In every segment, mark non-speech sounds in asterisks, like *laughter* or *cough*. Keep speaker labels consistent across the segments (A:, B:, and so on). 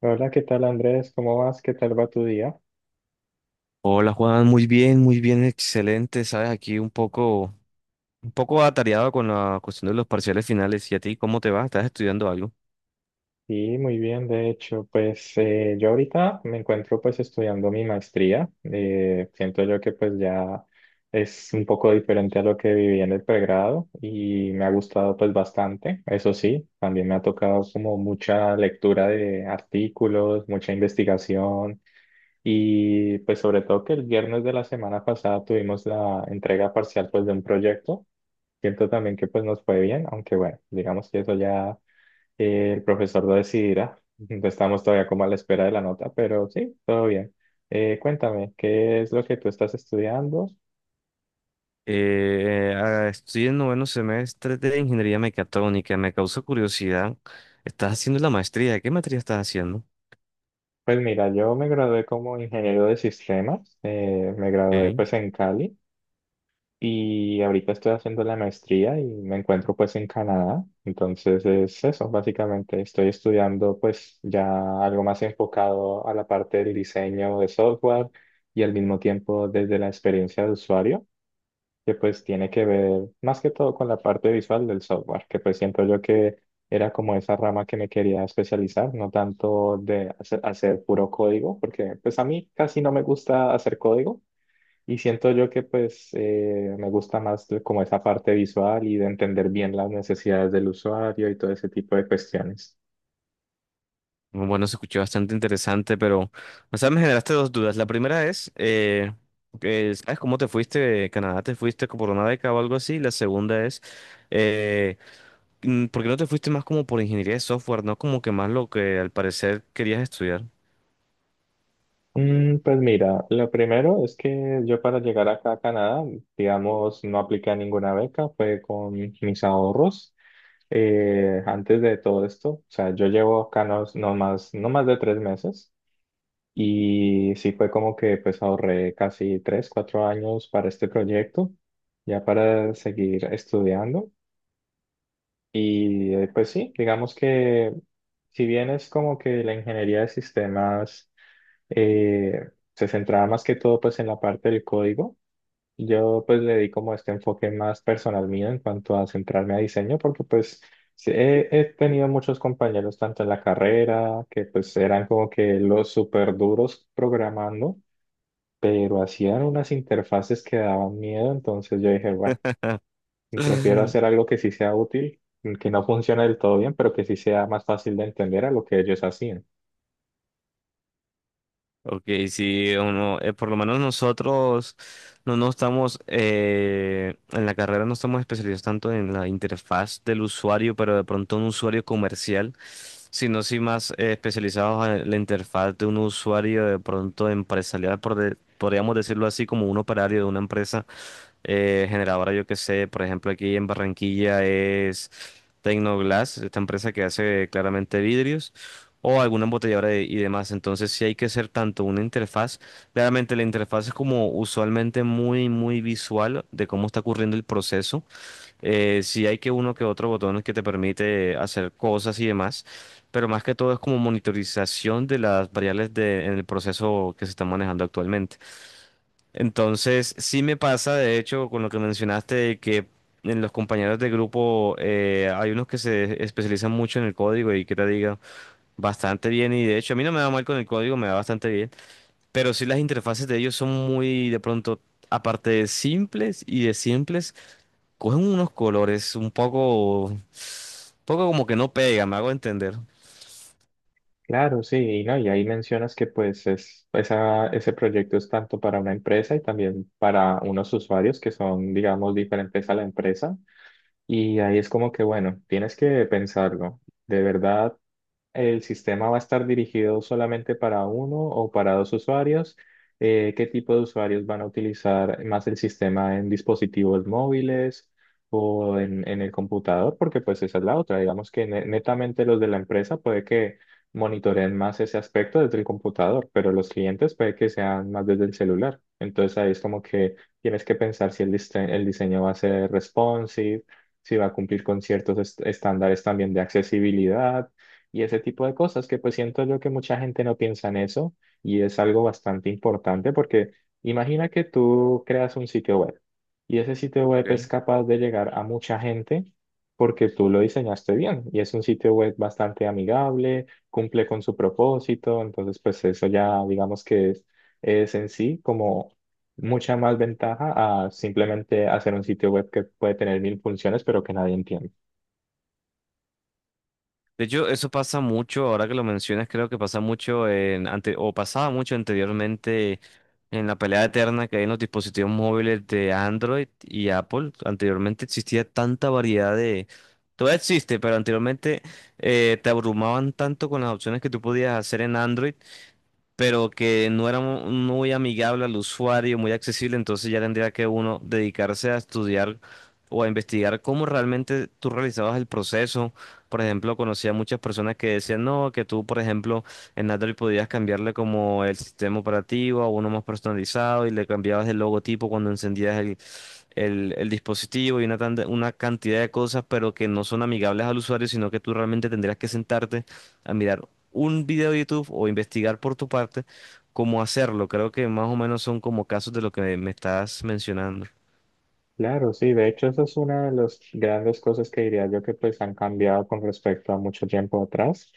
A: Hola, ¿qué tal Andrés? ¿Cómo vas? ¿Qué tal va tu día?
B: Hola Juan, muy bien, excelente. Sabes, aquí un poco atareado con la cuestión de los parciales finales. ¿Y a ti cómo te va? ¿Estás estudiando algo?
A: Sí, muy bien, de hecho, pues yo ahorita me encuentro pues estudiando mi maestría. Siento yo que pues ya es un poco diferente a lo que viví en el pregrado y me ha gustado pues bastante. Eso sí, también me ha tocado como mucha lectura de artículos, mucha investigación y pues sobre todo que el viernes de la semana pasada tuvimos la entrega parcial pues de un proyecto. Siento también que pues nos fue bien, aunque bueno, digamos que eso ya el profesor lo decidirá. *laughs* Estamos todavía como a la espera de la nota, pero sí, todo bien. Cuéntame, ¿qué es lo que tú estás estudiando?
B: Estoy en noveno semestre de ingeniería mecatrónica. Me causa curiosidad. ¿Estás haciendo la maestría? ¿Qué materia estás haciendo?
A: Pues mira, yo me gradué como ingeniero de sistemas, me gradué
B: Ok.
A: pues en Cali. Y ahorita estoy haciendo la maestría y me encuentro pues en Canadá. Entonces es eso, básicamente estoy estudiando pues ya algo más enfocado a la parte del diseño de software y al mismo tiempo desde la experiencia de usuario, que pues tiene que ver más que todo con la parte visual del software, que pues siento yo que era como esa rama que me quería especializar, no tanto de hacer puro código, porque pues a mí casi no me gusta hacer código y siento yo que pues me gusta más como esa parte visual y de entender bien las necesidades del usuario y todo ese tipo de cuestiones.
B: Bueno, se escuchó bastante interesante, pero, o sea, me generaste dos dudas. La primera es, que, ¿sabes cómo te fuiste de Canadá? ¿Te fuiste por una beca o algo así? La segunda es eh, Mm, ¿por qué no te fuiste más como por ingeniería de software, no como que más lo que al parecer querías estudiar?
A: Mm, pues mira, lo primero es que yo para llegar acá a Canadá, digamos, no apliqué ninguna beca, fue con mis ahorros. Antes de todo esto, o sea, yo llevo acá no, no más de 3 meses y sí fue como que pues ahorré casi 3, 4 años para este proyecto ya para seguir estudiando. Y pues sí, digamos que si bien es como que la ingeniería de sistemas se centraba más que todo pues en la parte del código, yo pues le di como este enfoque más personal mío en cuanto a centrarme a diseño, porque pues sí, he tenido muchos compañeros tanto en la carrera que pues eran como que los súper duros programando, pero hacían unas interfaces que daban miedo, entonces yo dije, bueno. Prefiero hacer
B: *laughs*
A: algo que sí sea útil, que no funcione del todo bien, pero que sí sea más fácil de entender a lo que ellos hacían.
B: Ok, sí, o no, por lo menos nosotros no nos estamos, en la carrera no estamos especializados tanto en la interfaz del usuario, pero de pronto un usuario comercial, sino sí más especializados en la interfaz de un usuario de pronto empresarial, por podríamos decirlo así, como un operario de una empresa. Generadora, yo que sé, por ejemplo, aquí en Barranquilla es Tecnoglass, esta empresa que hace claramente vidrios, o alguna embotelladora y demás. Entonces, sí hay que hacer tanto una interfaz, claramente la interfaz es como usualmente muy, muy visual de cómo está ocurriendo el proceso. Sí hay que uno que otro botón que te permite hacer cosas y demás, pero más que todo es como monitorización de las variables de, en el proceso que se está manejando actualmente. Entonces, sí me pasa, de hecho, con lo que mencionaste, de que en los compañeros de grupo hay unos que se especializan mucho en el código y que te digan bastante bien. Y de hecho, a mí no me va mal con el código, me va bastante bien. Pero sí las interfaces de ellos son muy, de pronto, aparte de simples y de simples, cogen unos colores un poco, poco como que no pegan, me hago entender.
A: Claro, sí, y no, y ahí mencionas que pues es, esa, ese proyecto es tanto para una empresa y también para unos usuarios que son, digamos, diferentes a la empresa. Y ahí es como que, bueno, tienes que pensarlo. De verdad, ¿el sistema va a estar dirigido solamente para uno o para dos usuarios? ¿Qué tipo de usuarios van a utilizar más el sistema en dispositivos móviles o en el computador? Porque pues esa es la otra. Digamos que netamente los de la empresa puede que monitoreen más ese aspecto desde el computador, pero los clientes puede que sean más desde el celular. Entonces ahí es como que tienes que pensar si el, el diseño va a ser responsive, si va a cumplir con ciertos estándares también de accesibilidad y ese tipo de cosas que pues siento yo que mucha gente no piensa en eso y es algo bastante importante porque imagina que tú creas un sitio web y ese sitio web es
B: Ok.
A: capaz de llegar a mucha gente porque tú lo diseñaste bien y es un sitio web bastante amigable, cumple con su propósito, entonces pues eso ya digamos que es en sí como mucha más ventaja a simplemente hacer un sitio web que puede tener mil funciones pero que nadie entiende.
B: De hecho, eso pasa mucho, ahora que lo mencionas, creo que pasa mucho en ante, o pasaba mucho anteriormente en la pelea eterna que hay en los dispositivos móviles de Android y Apple. Anteriormente existía tanta variedad de, todavía existe, pero anteriormente te abrumaban tanto con las opciones que tú podías hacer en Android pero que no era muy amigable al usuario, muy accesible, entonces ya tendría que uno dedicarse a estudiar o a investigar cómo realmente tú realizabas el proceso. Por ejemplo, conocía muchas personas que decían, no, que tú, por ejemplo, en Android podías cambiarle como el sistema operativo a uno más personalizado y le cambiabas el logotipo cuando encendías el dispositivo y una, una cantidad de cosas, pero que no son amigables al usuario, sino que tú realmente tendrías que sentarte a mirar un video de YouTube o investigar por tu parte cómo hacerlo. Creo que más o menos son como casos de lo que me estás mencionando.
A: Claro, sí, de hecho esa es una de las grandes cosas que diría yo que pues han cambiado con respecto a mucho tiempo atrás.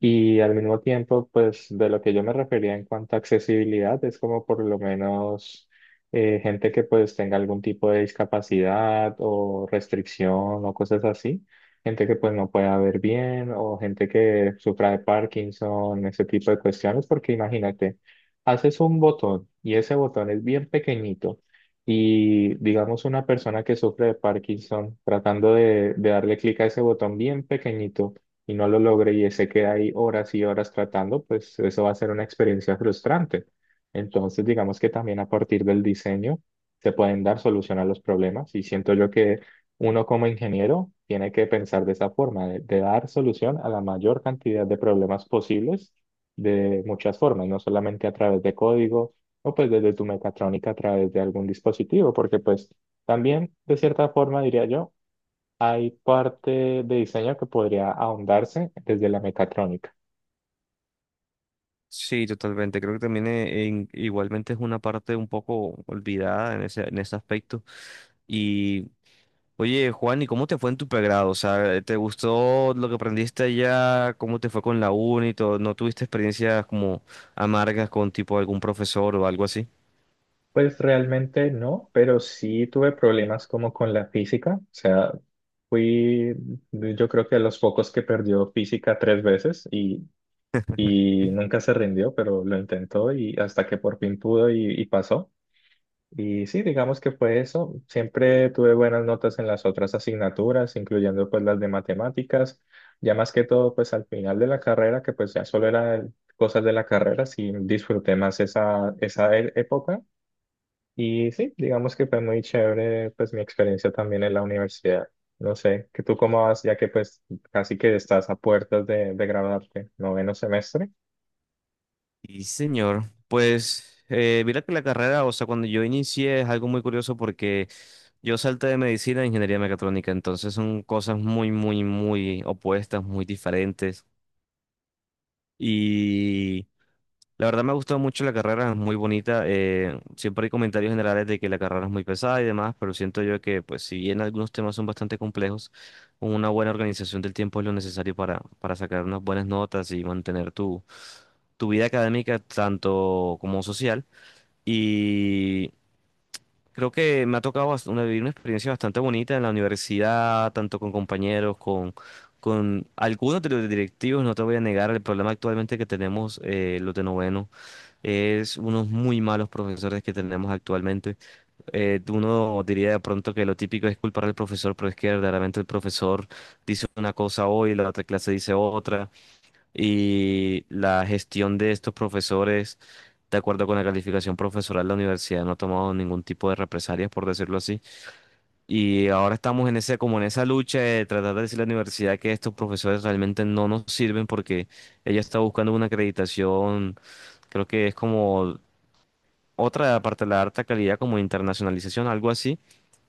A: Y al mismo tiempo, pues de lo que yo me refería en cuanto a accesibilidad, es como por lo menos gente que pues tenga algún tipo de discapacidad o restricción o cosas así, gente que pues no pueda ver bien o gente que sufra de Parkinson, ese tipo de cuestiones, porque imagínate, haces un botón y ese botón es bien pequeñito y digamos una persona que sufre de Parkinson tratando de darle clic a ese botón bien pequeñito y no lo logre y se queda ahí horas y horas tratando, pues eso va a ser una experiencia frustrante. Entonces, digamos que también a partir del diseño se pueden dar solución a los problemas y siento yo que uno como ingeniero tiene que pensar de esa forma, de dar solución a la mayor cantidad de problemas posibles de muchas formas, no solamente a través de código o pues desde tu mecatrónica a través de algún dispositivo, porque pues también de cierta forma diría yo, hay parte de diseño que podría ahondarse desde la mecatrónica.
B: Sí, totalmente. Creo que también igualmente es una parte un poco olvidada en ese aspecto. Y oye, Juan, ¿y cómo te fue en tu pregrado? O sea, ¿te gustó lo que aprendiste allá? ¿Cómo te fue con la uni y todo? ¿No tuviste experiencias como amargas con tipo algún profesor o algo así?
A: Pues realmente no, pero sí tuve problemas como con la física. O sea, fui yo creo que de los pocos que perdió física 3 veces y nunca se rindió, pero lo intentó y hasta que por fin pudo y pasó. Y sí, digamos que fue eso. Siempre tuve buenas notas en las otras asignaturas, incluyendo pues las de matemáticas. Ya más que todo, pues al final de la carrera, que pues ya solo eran cosas de la carrera, sí disfruté más esa, esa época. Y sí, digamos que fue muy chévere pues mi experiencia también en la universidad. No sé, que tú cómo vas, ya que pues casi que estás a puertas de graduarte, noveno semestre.
B: Y señor, pues mira que la carrera, o sea, cuando yo inicié es algo muy curioso porque yo salté de medicina a ingeniería mecatrónica, entonces son cosas muy, muy, muy opuestas, muy diferentes. Y La verdad me ha gustado mucho la carrera, es muy bonita. Siempre hay comentarios generales de que la carrera es muy pesada y demás, pero siento yo que, pues, si bien algunos temas son bastante complejos, una buena organización del tiempo es lo necesario para sacar unas buenas notas y mantener tu, tu vida académica tanto como social. Y creo que me ha tocado una, vivir una experiencia bastante bonita en la universidad, tanto con compañeros, con algunos de los directivos, no te voy a negar el problema actualmente que tenemos los de noveno es unos muy malos profesores que tenemos actualmente. Uno diría de pronto que lo típico es culpar al profesor, pero es que verdaderamente el profesor dice una cosa hoy, la otra clase dice otra, y la gestión de estos profesores, de acuerdo con la calificación profesoral, la universidad no ha tomado ningún tipo de represalias, por decirlo así. Y ahora estamos en ese, como en esa lucha de tratar de decirle a la universidad que estos profesores realmente no nos sirven porque ella está buscando una acreditación, creo que es como otra, aparte de la alta calidad, como internacionalización, algo así,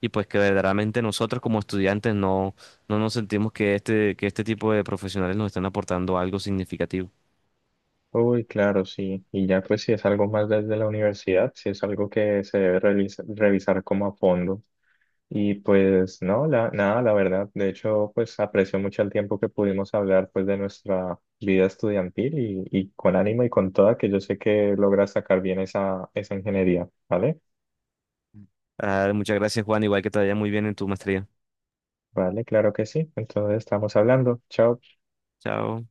B: y pues que verdaderamente nosotros como estudiantes no, no nos sentimos que este tipo de profesionales nos están aportando algo significativo.
A: Uy, claro, sí. Y ya pues si es algo más desde la universidad, si es algo que se debe revisar como a fondo. Y pues no, la, nada, la verdad. De hecho, pues aprecio mucho el tiempo que pudimos hablar pues de nuestra vida estudiantil y con ánimo y con toda, que yo sé que logras sacar bien esa, esa ingeniería, ¿vale?
B: Ah, muchas gracias, Juan, igual que te vaya muy bien en tu maestría.
A: Vale, claro que sí. Entonces estamos hablando. Chao.
B: Chao.